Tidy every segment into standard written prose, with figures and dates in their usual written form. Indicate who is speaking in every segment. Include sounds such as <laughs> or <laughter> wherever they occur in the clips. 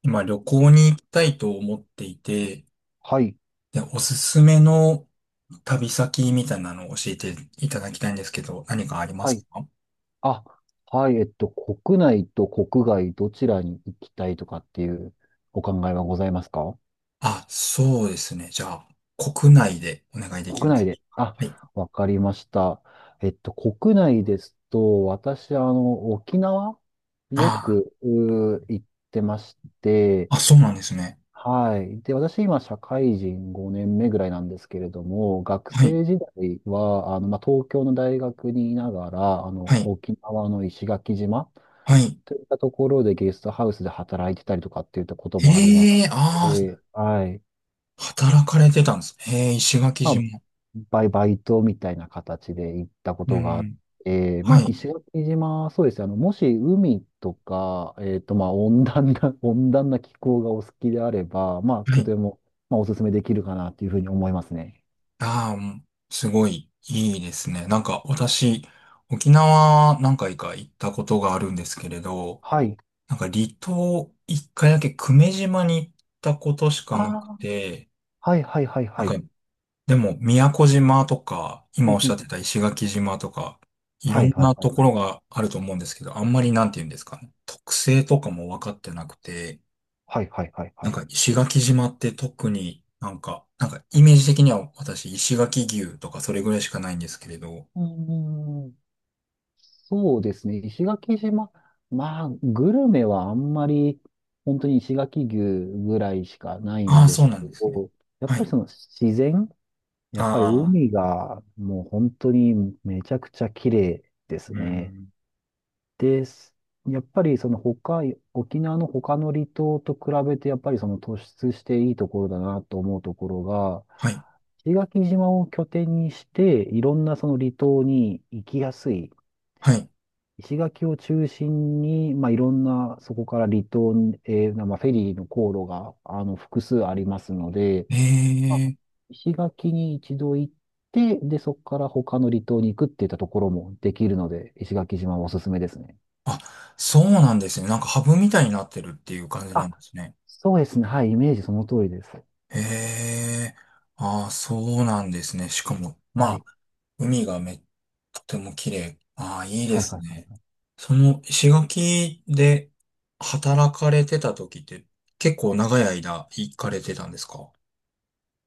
Speaker 1: 今旅行に行きたいと思っていて、
Speaker 2: はい、
Speaker 1: で、おすすめの旅先みたいなのを教えていただきたいんですけど、何かありま
Speaker 2: はい。
Speaker 1: すか？
Speaker 2: あ、はい、国内と国外どちらに行きたいとかっていうお考えはございますか？
Speaker 1: あ、そうですね。じゃあ、国内でお願いできま
Speaker 2: 国内
Speaker 1: すでし
Speaker 2: で。
Speaker 1: ょうか。
Speaker 2: あ、
Speaker 1: はい。
Speaker 2: わかりました。国内ですと、私、沖縄よ
Speaker 1: あ
Speaker 2: く、うー行ってまして、
Speaker 1: あ、あ、そうなんですね。
Speaker 2: はい。で、私、今、社会人5年目ぐらいなんですけれども、学
Speaker 1: はい。
Speaker 2: 生時代は、まあ、東京の大学にいながら、
Speaker 1: はい。
Speaker 2: 沖縄の石垣島
Speaker 1: はい。
Speaker 2: といったところでゲストハウスで働いてたりとかっていったこともあります
Speaker 1: ええ、あ
Speaker 2: し、はい。
Speaker 1: あ、働かれてたんです。ええ、石垣
Speaker 2: まあ、
Speaker 1: 島。
Speaker 2: バイトみたいな形で行ったこ
Speaker 1: う
Speaker 2: とがあっ
Speaker 1: ん。
Speaker 2: て、ま
Speaker 1: は
Speaker 2: あ、
Speaker 1: い。
Speaker 2: 石垣島、そうですね。もし海とか、まあ、温暖な、<laughs> 温暖な気候がお好きであれば、まあ、
Speaker 1: は
Speaker 2: と
Speaker 1: い。
Speaker 2: ても、まあ、お勧めできるかなというふうに思いますね。
Speaker 1: ああ、うん。すごいいいですね。なんか私、沖縄何回か行ったことがあるんですけれど、
Speaker 2: はい。
Speaker 1: なんか離島一回だけ久米島に行ったことし
Speaker 2: あ
Speaker 1: かなく
Speaker 2: あ、
Speaker 1: て、
Speaker 2: はいはいはい
Speaker 1: なん
Speaker 2: は
Speaker 1: か
Speaker 2: い。
Speaker 1: でも宮古島とか、
Speaker 2: う
Speaker 1: 今お
Speaker 2: ん
Speaker 1: っ
Speaker 2: う
Speaker 1: しゃ
Speaker 2: ん、
Speaker 1: ってた石垣島とか、い
Speaker 2: は
Speaker 1: ろ
Speaker 2: い
Speaker 1: ん
Speaker 2: はい
Speaker 1: な
Speaker 2: は
Speaker 1: と
Speaker 2: い
Speaker 1: こ
Speaker 2: はい。
Speaker 1: ろがあると思うんですけど、あんまりなんて言うんですかね、特性とかも分かってなくて、
Speaker 2: はいはいはい
Speaker 1: な
Speaker 2: は
Speaker 1: ん
Speaker 2: い。
Speaker 1: か石垣島って特になんか、なんかイメージ的には私石垣牛とかそれぐらいしかないんですけれど。
Speaker 2: うんうんうん、そうですね。石垣島。まあ、グルメはあんまり、本当に石垣牛ぐらいしかない
Speaker 1: あ
Speaker 2: ん
Speaker 1: あ、
Speaker 2: で
Speaker 1: そう
Speaker 2: す
Speaker 1: な
Speaker 2: け
Speaker 1: んですね。
Speaker 2: ど、やっ
Speaker 1: は
Speaker 2: ぱり
Speaker 1: い。
Speaker 2: その自然、や
Speaker 1: あ
Speaker 2: っぱり
Speaker 1: あ、
Speaker 2: 海がもう本当にめちゃくちゃ綺麗です
Speaker 1: う
Speaker 2: ね。
Speaker 1: ん。
Speaker 2: で、やっぱりその他、沖縄の他の離島と比べて、やっぱりその突出していいところだなと思うところが、
Speaker 1: はい。
Speaker 2: 石垣島を拠点にして、いろんなその離島に行きやすい。
Speaker 1: はい。
Speaker 2: 石垣を中心に、まあ、いろんな、そこから離島、まあ、フェリーの航路が、複数ありますので、
Speaker 1: え
Speaker 2: まあ
Speaker 1: え。
Speaker 2: 石垣に一度行って、で、そこから他の離島に行くっていったところもできるので、石垣島はおすすめですね。
Speaker 1: あ、そうなんですね。なんかハブみたいになってるっていう感じな
Speaker 2: あ、
Speaker 1: んですね。
Speaker 2: そうですね。はい、イメージその通りです。
Speaker 1: へえ、ああ、そうなんですね。しかも、ま
Speaker 2: は
Speaker 1: あ、
Speaker 2: い。
Speaker 1: 海がめ、とても綺麗。ああ、いいで
Speaker 2: はい、
Speaker 1: す
Speaker 2: はい、
Speaker 1: ね。
Speaker 2: は
Speaker 1: その、石垣で働かれてた時って、結構長い間行かれてたんですか？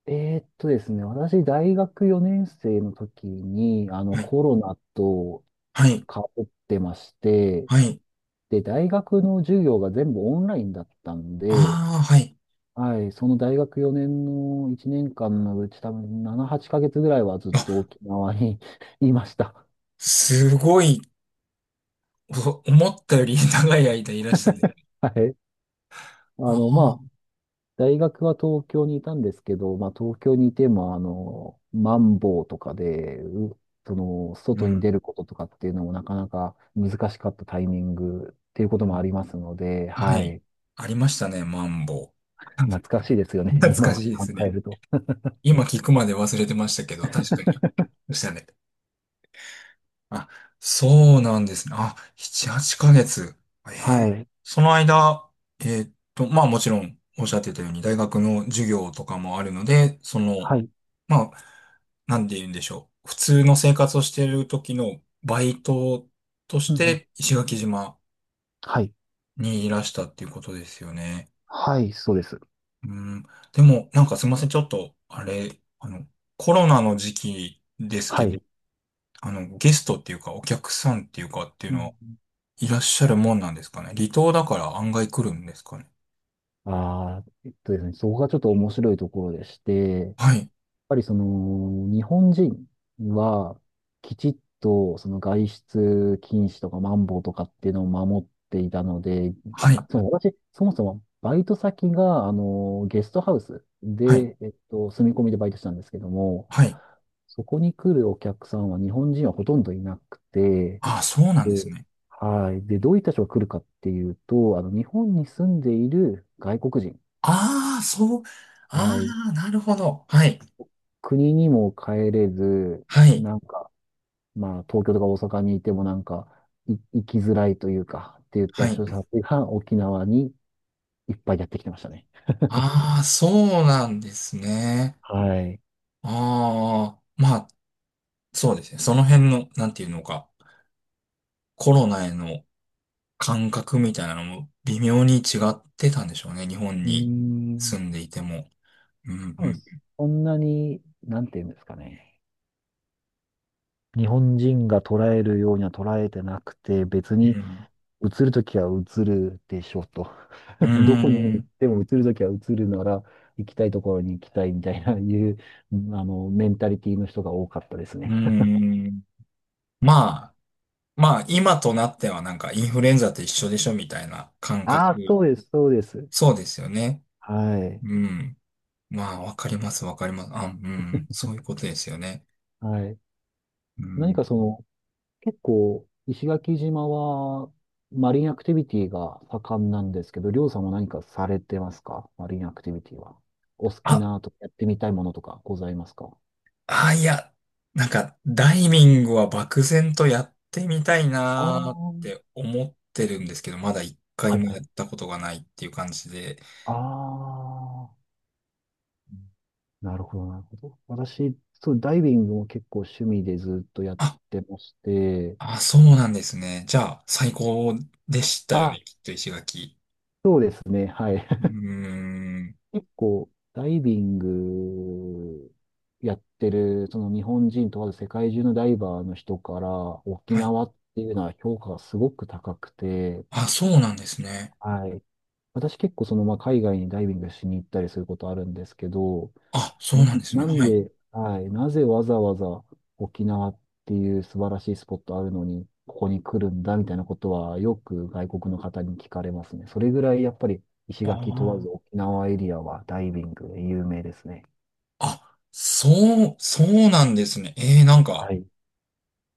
Speaker 2: い。ですね、私、大学4年生の時に、
Speaker 1: はい。
Speaker 2: コロナと
Speaker 1: はい。
Speaker 2: かってまして、
Speaker 1: はい。
Speaker 2: で、大学の授業が全部オンラインだったんで、
Speaker 1: ああ、はい。
Speaker 2: はい、その大学4年の1年間のうち多分7、8ヶ月ぐらいはずっと
Speaker 1: あ、
Speaker 2: 沖縄に <laughs> いました。
Speaker 1: すごい、お思ったより <laughs> 長い間いらしたね。
Speaker 2: はい。
Speaker 1: あ
Speaker 2: まあ、
Speaker 1: あ、
Speaker 2: 大学は東京にいたんですけど、まあ、東京にいても、マンボウとかで、うその、
Speaker 1: う
Speaker 2: 外に
Speaker 1: ん。
Speaker 2: 出ることとかっていうのもなかなか難しかったタイミングっていうこと
Speaker 1: う
Speaker 2: もありま
Speaker 1: ん。
Speaker 2: すので、
Speaker 1: は
Speaker 2: は
Speaker 1: い。
Speaker 2: い。
Speaker 1: ありましたね、マンボウ。<laughs>
Speaker 2: 懐かしいですよね、
Speaker 1: 懐か
Speaker 2: 今
Speaker 1: しいで
Speaker 2: 考
Speaker 1: す
Speaker 2: え
Speaker 1: ね。
Speaker 2: ると。
Speaker 1: 今聞くまで忘れてましたけど、確かに。
Speaker 2: <laughs>
Speaker 1: でしたね。あ、そうなんですね。あ、7、8ヶ月。え
Speaker 2: は
Speaker 1: ー
Speaker 2: い。
Speaker 1: その間、まあもちろんおっしゃってたように大学の授業とかもあるので、その、
Speaker 2: はい。
Speaker 1: まあ、なんて言うんでしょう。普通の生活をしている時のバイトとし
Speaker 2: うん、
Speaker 1: て石垣島
Speaker 2: はい。
Speaker 1: にいらしたっていうことですよね。
Speaker 2: はい、そうです。
Speaker 1: うん。でも、なんかすいません。ちょっと、あれ、コロナの時期です
Speaker 2: は
Speaker 1: けど、
Speaker 2: い。
Speaker 1: ゲストっていうか、お客さんっていうかっていう
Speaker 2: う
Speaker 1: のは、
Speaker 2: ん。
Speaker 1: いらっしゃるもんなんですかね。離島だから案外来るんですかね。
Speaker 2: ああ、ですね、そこがちょっと面白いところでして、やっ
Speaker 1: はい、
Speaker 2: ぱり日本人は、きちっと、その外出禁止とか、マンボウとかっていうのを守っていたので、
Speaker 1: はい、
Speaker 2: あ、そう、私、そもそも、バイト先が、ゲストハウス
Speaker 1: はい、
Speaker 2: で、住み込みでバイトしたんですけども、
Speaker 1: はい。
Speaker 2: そこに来るお客さんは日本人はほとんどいなくて、
Speaker 1: ああ、そうなんです
Speaker 2: で、
Speaker 1: ね。
Speaker 2: はい。で、どういった人が来るかっていうと、日本に住んでいる外国人。
Speaker 1: ああ、そう、あ
Speaker 2: はい。
Speaker 1: あ、なるほど。はい、
Speaker 2: 国にも帰れず、
Speaker 1: はい、
Speaker 2: なんか、まあ、東京とか大阪にいてもなんか、行きづらいというか、って言っ
Speaker 1: は
Speaker 2: た
Speaker 1: い。
Speaker 2: 人たちが沖縄にいっぱいやってきてましたね。<laughs>
Speaker 1: ああ、そうなんですね。
Speaker 2: はい。
Speaker 1: ああ、まあ、そうですね。その辺の、なんていうのか、コロナへの感覚みたいなのも微妙に違ってたんでしょうね。日本
Speaker 2: うー
Speaker 1: に住
Speaker 2: ん。
Speaker 1: んでいても。うん、
Speaker 2: 多
Speaker 1: う
Speaker 2: 分
Speaker 1: ん。
Speaker 2: そんなに、なんていうんですかね。日本人が捉えるようには捉えてなくて、別
Speaker 1: う
Speaker 2: に
Speaker 1: ん。
Speaker 2: 映るときは映るでしょうと。
Speaker 1: うー
Speaker 2: <laughs> どこに行っ
Speaker 1: ん、
Speaker 2: ても移るときは移るなら、行きたいところに行きたいみたいな、いう、メンタリティの人が多かったです
Speaker 1: うー
Speaker 2: ね。
Speaker 1: ん。まあ、まあ、今となってはなんかインフルエンザと一緒でしょみたいな
Speaker 2: <laughs>
Speaker 1: 感覚。
Speaker 2: ああ、そうです、そうです。
Speaker 1: そうですよね。
Speaker 2: はい。
Speaker 1: うん。まあ、わかります、わかります。あ、うん、そういうことですよね。
Speaker 2: はい。
Speaker 1: う
Speaker 2: 何
Speaker 1: ん。
Speaker 2: か結構、石垣島は、マリンアクティビティが盛んなんですけど、りょうさんも何かされてますか？マリンアクティビティは。お好き
Speaker 1: あ、
Speaker 2: なとか、やってみたいものとかございますか？
Speaker 1: あ、いや、なんか、ダイビングは漠然とやってみたい
Speaker 2: ああ
Speaker 1: なーっ
Speaker 2: ー、
Speaker 1: て思ってるんですけど、まだ一回
Speaker 2: はい
Speaker 1: も
Speaker 2: は
Speaker 1: や
Speaker 2: い。
Speaker 1: ったことがないっていう感じで。
Speaker 2: ああ。なるほど、なるほど。私、そう、ダイビングも結構趣味でずっとやっ
Speaker 1: あ、
Speaker 2: てまして、
Speaker 1: あ、そうなんですね。じゃあ、最高でしたよ
Speaker 2: あ、
Speaker 1: ね、きっと石垣。
Speaker 2: そうですね、はい。
Speaker 1: う
Speaker 2: <laughs>
Speaker 1: ーん。
Speaker 2: 結構、ダイビングやってる、その日本人問わず世界中のダイバーの人から、沖
Speaker 1: はい。
Speaker 2: 縄っていうのは評価がすごく高くて、
Speaker 1: あ、そうなんですね。
Speaker 2: はい。私結構まあ、海外にダイビングしに行ったりすることあるんですけど、
Speaker 1: あ、そ
Speaker 2: な、
Speaker 1: うなんですね。
Speaker 2: なん
Speaker 1: はい。
Speaker 2: で、はい、なぜわざわざ沖縄っていう素晴らしいスポットあるのに、ここに来るんだみたいなことはよく外国の方に聞かれますね。それぐらいやっぱり石
Speaker 1: あ
Speaker 2: 垣問わず
Speaker 1: あ。
Speaker 2: 沖縄エリアはダイビングで有名ですね。
Speaker 1: あ、そう、そうなんですね。えー、なんか、
Speaker 2: はい。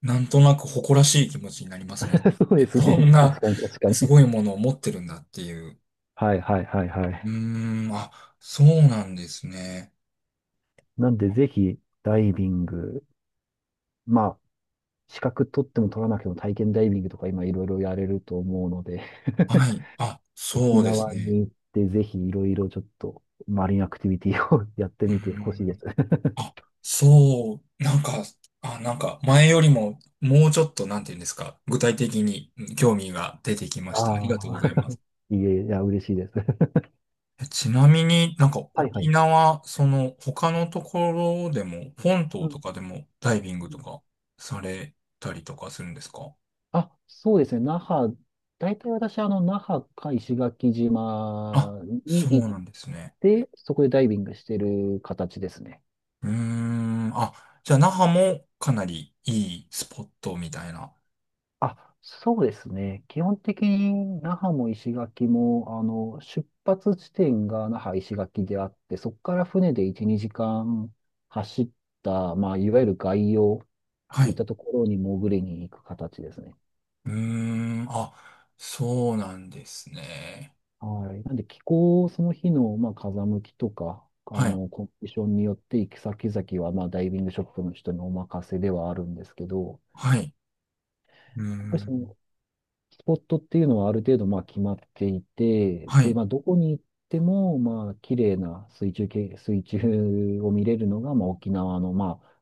Speaker 1: なんとなく誇らしい気持ちになりますね。
Speaker 2: <laughs> そうで
Speaker 1: え、
Speaker 2: す
Speaker 1: そん
Speaker 2: ね。
Speaker 1: な、
Speaker 2: 確かに確か
Speaker 1: す
Speaker 2: に。
Speaker 1: ごいものを持ってるんだっていう。
Speaker 2: はいはいはいは
Speaker 1: う
Speaker 2: い。
Speaker 1: ーん、あ、そうなんですね。
Speaker 2: なんでぜひダイビング、まあ、資格取っても取らなくても体験ダイビングとか今いろいろやれると思うので
Speaker 1: はい。あ、
Speaker 2: 沖
Speaker 1: そうです
Speaker 2: 縄
Speaker 1: ね。
Speaker 2: に行って、ぜひいろいろちょっとマリンアクティビティを <laughs> やって
Speaker 1: うー
Speaker 2: みてほしいで
Speaker 1: ん。
Speaker 2: す。<laughs>
Speaker 1: あ、そう、なんか、あ、なんか前よりももうちょっとなんて言うんですか、具体的にうん興味が出てきました。ありがとう
Speaker 2: あ
Speaker 1: ござい
Speaker 2: あ、
Speaker 1: ます。
Speaker 2: <laughs> いえいえ、いや、嬉しいです。<laughs>
Speaker 1: え、ちなみになんか
Speaker 2: はいは
Speaker 1: 沖
Speaker 2: い。
Speaker 1: 縄、その他のところでも、本
Speaker 2: う
Speaker 1: 島と
Speaker 2: ん
Speaker 1: かでもダイビング
Speaker 2: う
Speaker 1: と
Speaker 2: ん、
Speaker 1: かされたりとかするんですか？
Speaker 2: あ、そうですね。那覇、大体私、那覇か石垣
Speaker 1: あ、
Speaker 2: 島に
Speaker 1: そう
Speaker 2: 行っ
Speaker 1: なんですね。
Speaker 2: て、そこでダイビングしてる形ですね。
Speaker 1: うーん、あ、じゃあ那覇もかなりいいスポットみたいな。
Speaker 2: あ、そうですね。基本的に那覇も石垣も、出発地点が那覇石垣であって、そこから船で1、2時間走った、まあ、いわゆる外洋っ
Speaker 1: は
Speaker 2: ていっ
Speaker 1: い。
Speaker 2: たところに潜りに行く形ですね。
Speaker 1: うーん、あ、そうなんですね。
Speaker 2: はい。なんで気候、その日の、まあ、風向きとか、
Speaker 1: はい。
Speaker 2: コンディションによって行き先々は、まあ、ダイビングショップの人にお任せではあるんですけど、
Speaker 1: はい。うー
Speaker 2: やっぱりそ
Speaker 1: ん。
Speaker 2: のスポットっていうのはある程度まあ決まっていて、
Speaker 1: は
Speaker 2: で、
Speaker 1: い。
Speaker 2: まあどこに行ってもまあ綺麗な水中を見れるのがまあ沖縄のまあ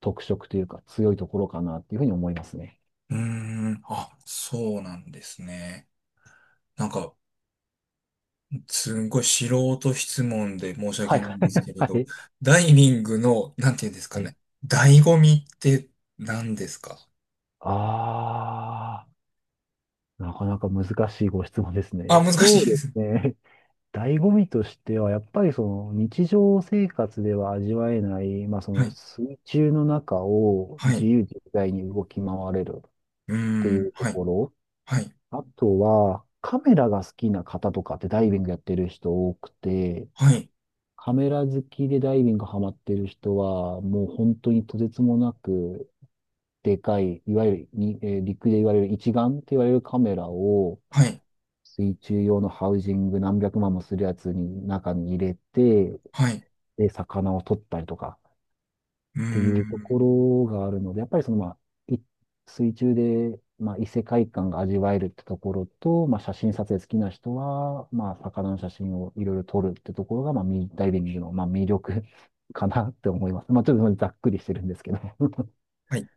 Speaker 2: 特色というか強いところかなっていうふうに思いますね。
Speaker 1: うーん。あ、そうなんですね。なんか、すんごい素人質問で申し
Speaker 2: は
Speaker 1: 訳
Speaker 2: い
Speaker 1: な
Speaker 2: は
Speaker 1: いん
Speaker 2: い。
Speaker 1: です
Speaker 2: <laughs>
Speaker 1: けれ
Speaker 2: は
Speaker 1: ど、
Speaker 2: い。
Speaker 1: ダイビングの、なんていうんですか
Speaker 2: はい、
Speaker 1: ね。醍醐味って何ですか？
Speaker 2: ああ、なかなか難しいご質問です
Speaker 1: あ、
Speaker 2: ね。
Speaker 1: 難し
Speaker 2: そう
Speaker 1: いで
Speaker 2: で
Speaker 1: す。
Speaker 2: すね。<laughs> 醍醐味としては、やっぱりその日常生活では味わえない、まあ
Speaker 1: <laughs>
Speaker 2: そ
Speaker 1: は
Speaker 2: の
Speaker 1: い。
Speaker 2: 水中の中を
Speaker 1: は
Speaker 2: 自
Speaker 1: い。
Speaker 2: 由自在に動き回れる。
Speaker 1: う
Speaker 2: ってい
Speaker 1: ーん。
Speaker 2: うと
Speaker 1: はい。
Speaker 2: ころ。
Speaker 1: はい。
Speaker 2: あとは、カメラが好きな方とかってダイビングやってる人多くて、
Speaker 1: はい。
Speaker 2: カメラ好きでダイビングハマってる人は、もう本当にとてつもなくでかい、いわゆるに、陸で言われる一眼って言われるカメラを、
Speaker 1: はい。
Speaker 2: 水中用のハウジング何百万もするやつに中に入れて、
Speaker 1: はい。
Speaker 2: で、魚を取ったりとか
Speaker 1: う
Speaker 2: って
Speaker 1: ー
Speaker 2: いうとこ
Speaker 1: ん。
Speaker 2: ろがあるので、やっぱりまあ、い水中で、まあ、異世界観が味わえるってところと、まあ、写真撮影好きな人は、まあ、魚の写真をいろいろ撮るってところが、まあ、ダイビングの、まあ、魅力 <laughs> かなって思います。まあ、ちょっとざっくりしてるんですけど。
Speaker 1: はい